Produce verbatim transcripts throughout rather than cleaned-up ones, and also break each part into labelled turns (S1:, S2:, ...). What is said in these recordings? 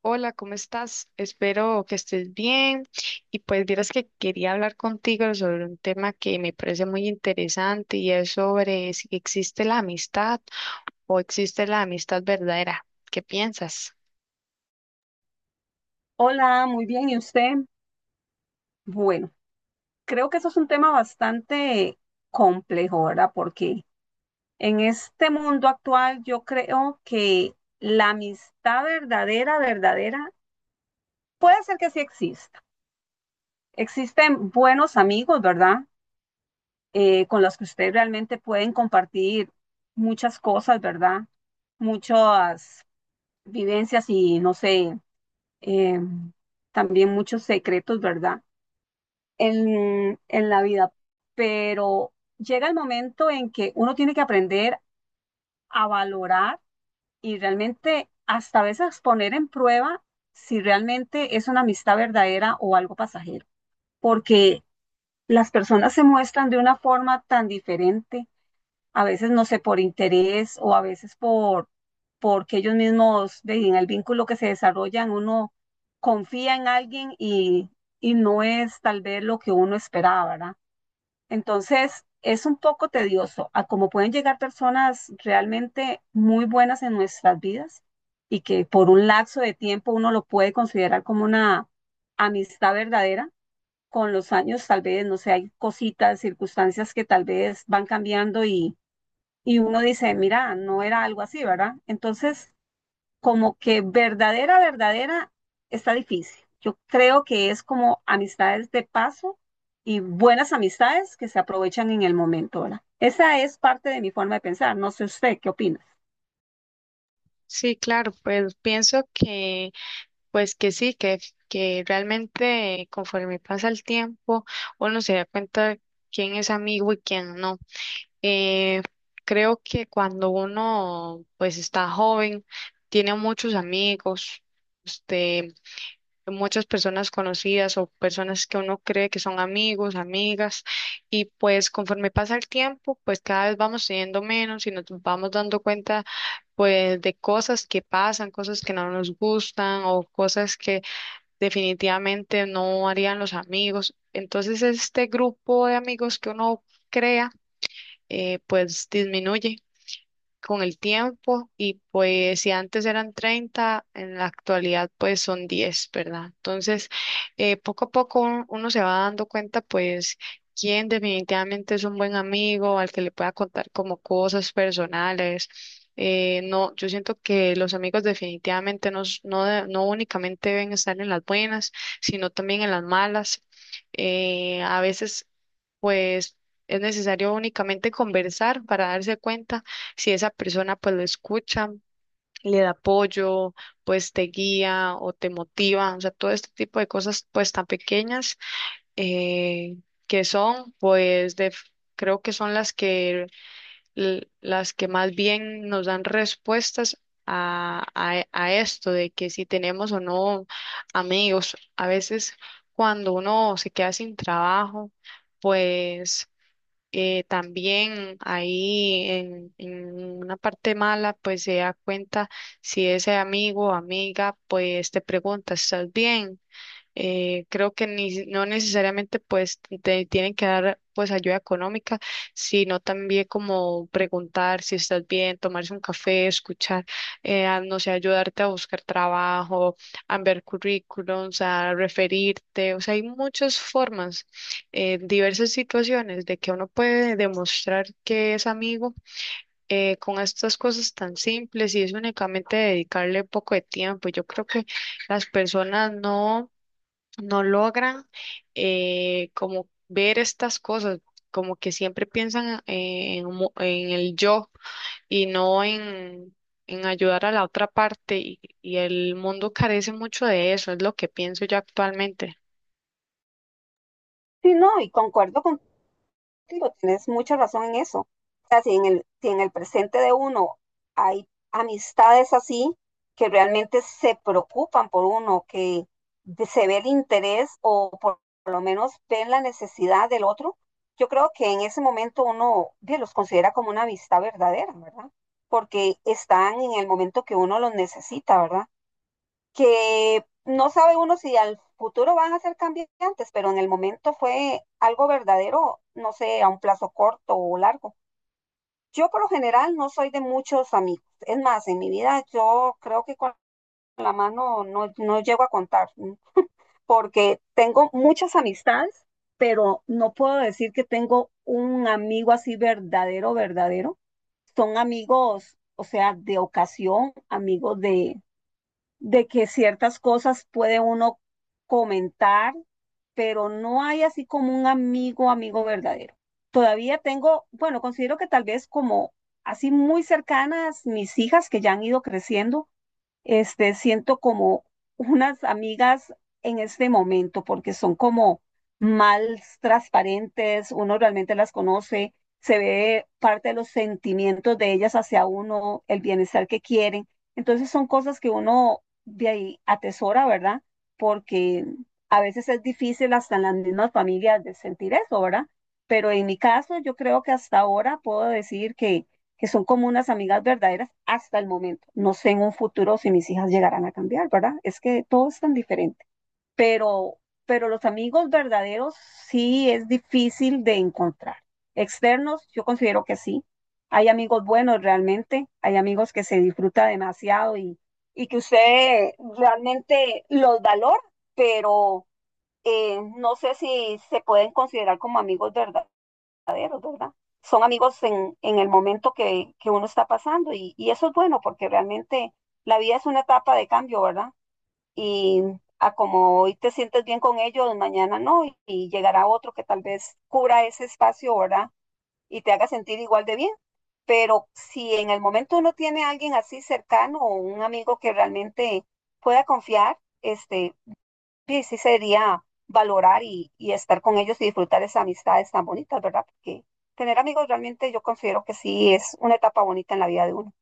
S1: Hola, ¿cómo estás? Espero que estés bien. Y pues vieras que quería hablar contigo sobre un tema que me parece muy interesante y es sobre si existe la amistad o existe la amistad verdadera. ¿Qué piensas?
S2: Hola, muy bien. ¿Y usted? Bueno, creo que eso es un tema bastante complejo, ¿verdad? Porque en este mundo actual yo creo que la amistad verdadera, verdadera, puede ser que sí exista. Existen buenos amigos, ¿verdad? Eh, con los que ustedes realmente pueden compartir muchas cosas, ¿verdad? Muchas vivencias y, no sé, em, también muchos secretos, ¿verdad? en, en la vida, pero llega el momento en que uno tiene que aprender a valorar y realmente hasta a veces poner en prueba si realmente es una amistad verdadera o algo pasajero, porque las personas se muestran de una forma tan diferente, a veces no sé, por interés o a veces por porque ellos mismos ve, en el vínculo que se desarrollan, uno confía en alguien y, y no es tal vez lo que uno esperaba, ¿verdad? Entonces, es un poco tedioso a cómo pueden llegar personas realmente muy buenas en nuestras vidas y que por un lapso de tiempo uno lo puede considerar como una amistad verdadera. Con los años, tal vez, no sé, hay cositas, circunstancias que tal vez van cambiando y, y uno dice, mira, no era algo así, ¿verdad? Entonces, como que verdadera, verdadera, está difícil. Yo creo que es como amistades de paso y buenas amistades que se aprovechan en el momento, ¿verdad? Esa es parte de mi forma de pensar. No sé usted, ¿qué opina?
S1: Sí, claro, pues pienso que pues que sí, que, que realmente conforme pasa el tiempo uno se da cuenta quién es amigo y quién no. Eh, Creo que cuando uno pues está joven, tiene muchos amigos, este, muchas personas conocidas o personas que uno cree que son amigos, amigas, y pues conforme pasa el tiempo, pues cada vez vamos teniendo menos y nos vamos dando cuenta pues de cosas que pasan, cosas que no nos gustan o cosas que definitivamente no harían los amigos. Entonces este grupo de amigos que uno crea eh, pues disminuye con el tiempo, y pues si antes eran treinta, en la actualidad pues son diez, ¿verdad? Entonces, eh, poco a poco un- uno se va dando cuenta pues quién definitivamente es un buen amigo al que le pueda contar como cosas personales. Eh, no, yo siento que los amigos definitivamente no, s- no, de- no únicamente deben estar en las buenas, sino también en las malas. Eh, a veces pues es necesario únicamente conversar para darse cuenta si esa persona pues lo escucha, le da apoyo, pues te guía o te motiva, o sea, todo este tipo de cosas pues tan pequeñas, eh, que son pues de, creo que son las que, l- las que más bien nos dan respuestas. A, a, a esto de que si tenemos o no amigos, a veces cuando uno se queda sin trabajo, pues eh, también ahí en, en una parte mala, pues se da cuenta si ese amigo o amiga, pues te pregunta, ¿estás bien? Eh, creo que ni, no necesariamente pues te tienen que dar pues ayuda económica, sino también como preguntar si estás bien, tomarse un café, escuchar, eh, a, no sé, ayudarte a buscar trabajo, a ver currículums, a referirte, o sea, hay muchas formas, eh, diversas situaciones de que uno puede demostrar que es amigo. Eh, con estas cosas tan simples, y es únicamente dedicarle poco de tiempo. Yo creo que las personas no no logran, eh, como ver estas cosas, como que siempre piensan eh, en, mo- en el yo y no en, en ayudar a la otra parte, y, y el mundo carece mucho de eso, es lo que pienso yo actualmente.
S2: Sí, no, y concuerdo con digo, tienes mucha razón en eso. O sea, si en el, si en el presente de uno hay amistades así que realmente se preocupan por uno, que de- se ve el interés o por, por lo menos ven la necesidad del otro, yo creo que en ese momento uno bien, los considera como una amistad verdadera, ¿verdad? Porque están en el momento que uno los necesita, ¿verdad? Que no sabe uno si al futuro van a ser cambiantes, pero en el momento fue algo verdadero, no sé, a un plazo corto o largo. Yo por lo general no soy de muchos amigos. Es más, en mi vida yo creo que con la mano no, no llego a contar, ¿sí? Porque tengo muchas amistades, pero no puedo decir que tengo un amigo así verdadero, verdadero. Son amigos, o sea, de ocasión, amigos de, de que ciertas cosas puede uno comentar, pero no hay así como un amigo, amigo verdadero. Todavía tengo, bueno, considero que tal vez como así muy cercanas mis hijas que ya han ido creciendo, este, siento como unas amigas en este momento, porque son como mal transparentes, uno realmente las conoce, se ve parte de los sentimientos de ellas hacia uno, el bienestar que quieren. Entonces son cosas que uno de ahí atesora, ¿verdad? Porque a veces es difícil hasta en las mismas familias de sentir eso, ¿verdad? Pero en mi caso, yo creo que hasta ahora puedo decir que que son como unas amigas verdaderas hasta el momento. No sé en un futuro si mis hijas llegarán a cambiar, ¿verdad? Es que todo es tan diferente, pero, pero los amigos verdaderos sí es difícil de encontrar. Externos, yo considero que sí. Hay amigos buenos realmente, hay amigos que se disfruta demasiado y, y que usted realmente los valora, pero eh, no sé si se pueden considerar como amigos verdaderos verdaderos, ¿verdad? Son amigos en, en el momento que, que uno está pasando y, y eso es bueno porque realmente la vida es una etapa de cambio, ¿verdad? Y a como hoy te sientes bien con ellos, mañana no, y, y llegará otro que tal vez cubra ese espacio, ¿verdad? Y te haga sentir igual de bien. Pero si en el momento uno tiene a alguien así cercano o un amigo que realmente pueda confiar, este, sí, sí sería valorar y, y estar con ellos y disfrutar esas amistades tan bonitas, ¿verdad? Porque tener amigos realmente yo considero que sí es una etapa bonita en la vida de uno.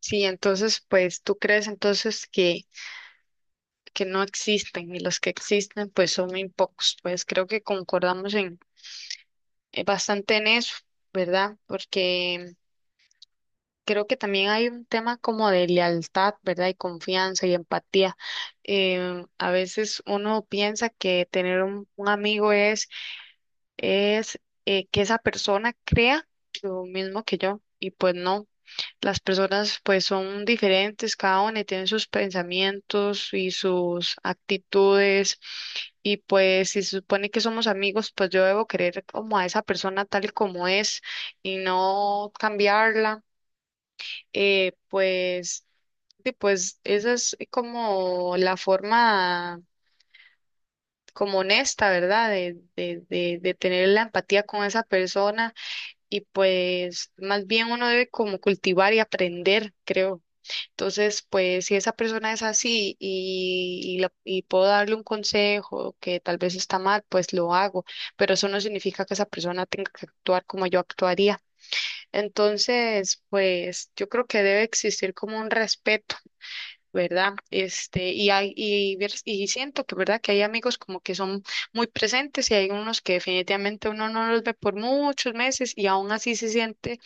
S1: Sí, entonces, pues tú crees entonces que, que no existen y los que existen pues son muy pocos, pues creo que concordamos en eh, bastante en eso, ¿verdad? Porque creo que también hay un tema como de lealtad, ¿verdad? Y confianza y empatía. Em, a veces uno piensa que tener un, un amigo es, es, eh, que esa persona crea lo mismo que yo, y pues no. Las personas pues son diferentes, cada una, y tiene sus pensamientos y sus actitudes, y pues si se supone que somos amigos, pues yo debo querer como a esa persona tal y como es y no cambiarla, eh, pues, sí, pues esa es como la forma como honesta, ¿verdad? De, de, de, de tener la empatía con esa persona, y pues más bien uno debe como cultivar y aprender, creo. Entonces, pues si esa persona es así y, y, la- y puedo darle un consejo que tal vez está mal, pues lo hago, pero eso no significa que esa persona tenga que actuar como yo actuaría. Entonces, pues yo creo que debe existir como un respeto, ¿verdad? Este, y hay, y, vers- y siento que, ¿verdad? Que hay amigos como que son muy presentes, y hay unos que definitivamente uno no los ve por muchos meses y aún así se siente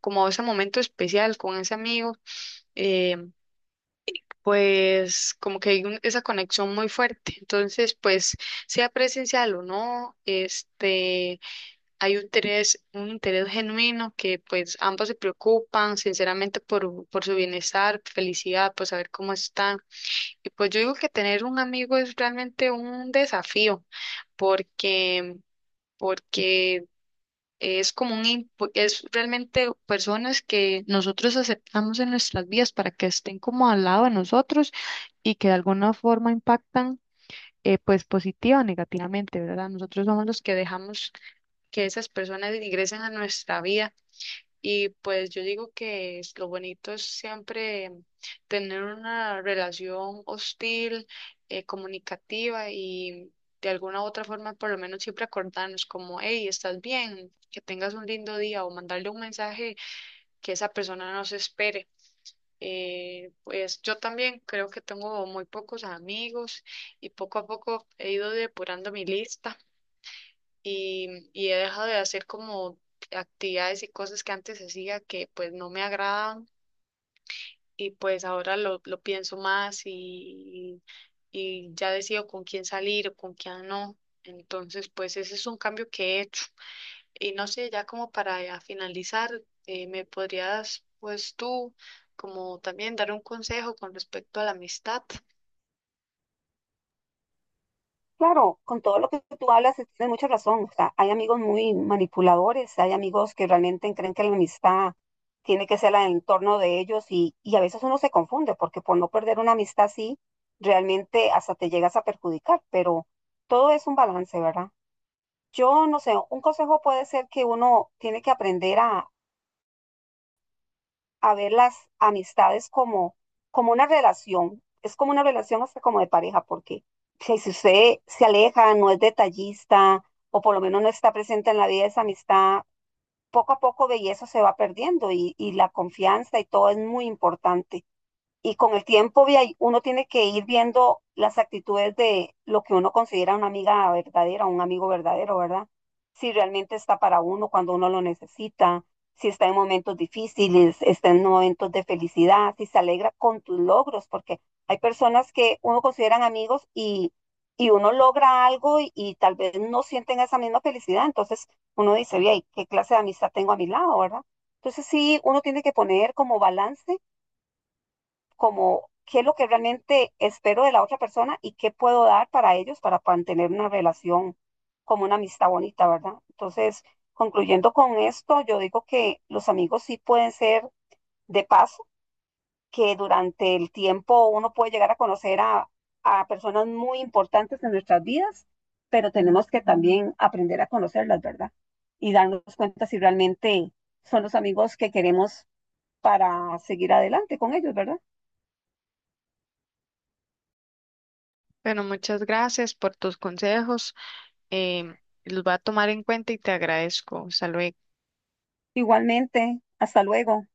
S1: como ese momento especial con ese amigo, eh, pues como que hay un- esa conexión muy fuerte. Entonces, pues sea presencial o no, este, hay un interés, un interés genuino, que pues ambos se preocupan sinceramente por, por su bienestar, felicidad, por saber cómo están. Y pues yo digo que tener un amigo es realmente un desafío, porque, porque es como un, impu- es realmente personas que nosotros aceptamos en nuestras vidas para que estén como al lado de nosotros, y que de alguna forma impactan, eh, pues positiva o negativamente, ¿verdad? Nosotros somos los que dejamos que esas personas ingresen a nuestra vida. Y pues yo digo que es- lo bonito es siempre tener una relación hostil, eh, comunicativa, y de alguna u otra forma por lo menos siempre acordarnos como, hey, estás bien, que tengas un lindo día, o mandarle un mensaje que esa persona no se espere. Eh, pues yo también creo que tengo muy pocos amigos, y poco a poco he ido depurando mi lista, y, y he dejado de hacer como actividades y cosas que antes hacía que pues no me agradaban, y pues ahora lo, lo pienso más, y, y ya decido con quién salir o con quién no. Entonces pues ese es un cambio que he hecho. Y no sé, ya como para ya finalizar, eh, ¿me podrías pues tú como también dar un consejo con respecto a la amistad?
S2: Claro, con todo lo que tú hablas, eh, tienes mucha razón. O sea, hay amigos muy manipuladores, hay amigos que realmente creen que la amistad tiene que ser la del entorno de ellos y, y a veces uno se confunde porque por no perder una amistad así, realmente hasta te llegas a perjudicar, pero todo es un balance, ¿verdad? Yo no sé, un consejo puede ser que uno tiene que aprender a, a ver las amistades como, como una relación. Es como una relación hasta como de pareja, porque si si usted se aleja, no es detallista, o por lo menos no está presente en la vida de esa amistad, poco a poco belleza se va perdiendo y, y la confianza y todo es muy importante y con el tiempo vi ahí, uno tiene que ir viendo las actitudes de lo que uno considera una amiga verdadera, un amigo verdadero, ¿verdad? Si realmente está para uno cuando uno lo necesita, si está en momentos difíciles, está en momentos de felicidad, si se alegra con tus logros, porque hay personas que uno consideran amigos y, y uno logra algo y, y tal vez no sienten esa misma felicidad, entonces uno dice, bien, ¿qué clase de amistad tengo a mi lado, verdad? Entonces sí, uno tiene que poner como balance como qué es lo que realmente espero de la otra persona y qué puedo dar para ellos para mantener una relación como una amistad bonita, ¿verdad? Entonces, concluyendo con esto, yo digo que los amigos sí pueden ser de paso, que durante el tiempo uno puede llegar a conocer a, a personas muy importantes en nuestras vidas, pero tenemos que también aprender a conocerlas, ¿verdad? Y darnos cuenta si realmente son los amigos que queremos para seguir adelante con ellos, ¿verdad?
S1: Bueno, muchas gracias por tus consejos. em, los voy a tomar en cuenta y te agradezco. Hasta luego.
S2: Igualmente, hasta luego.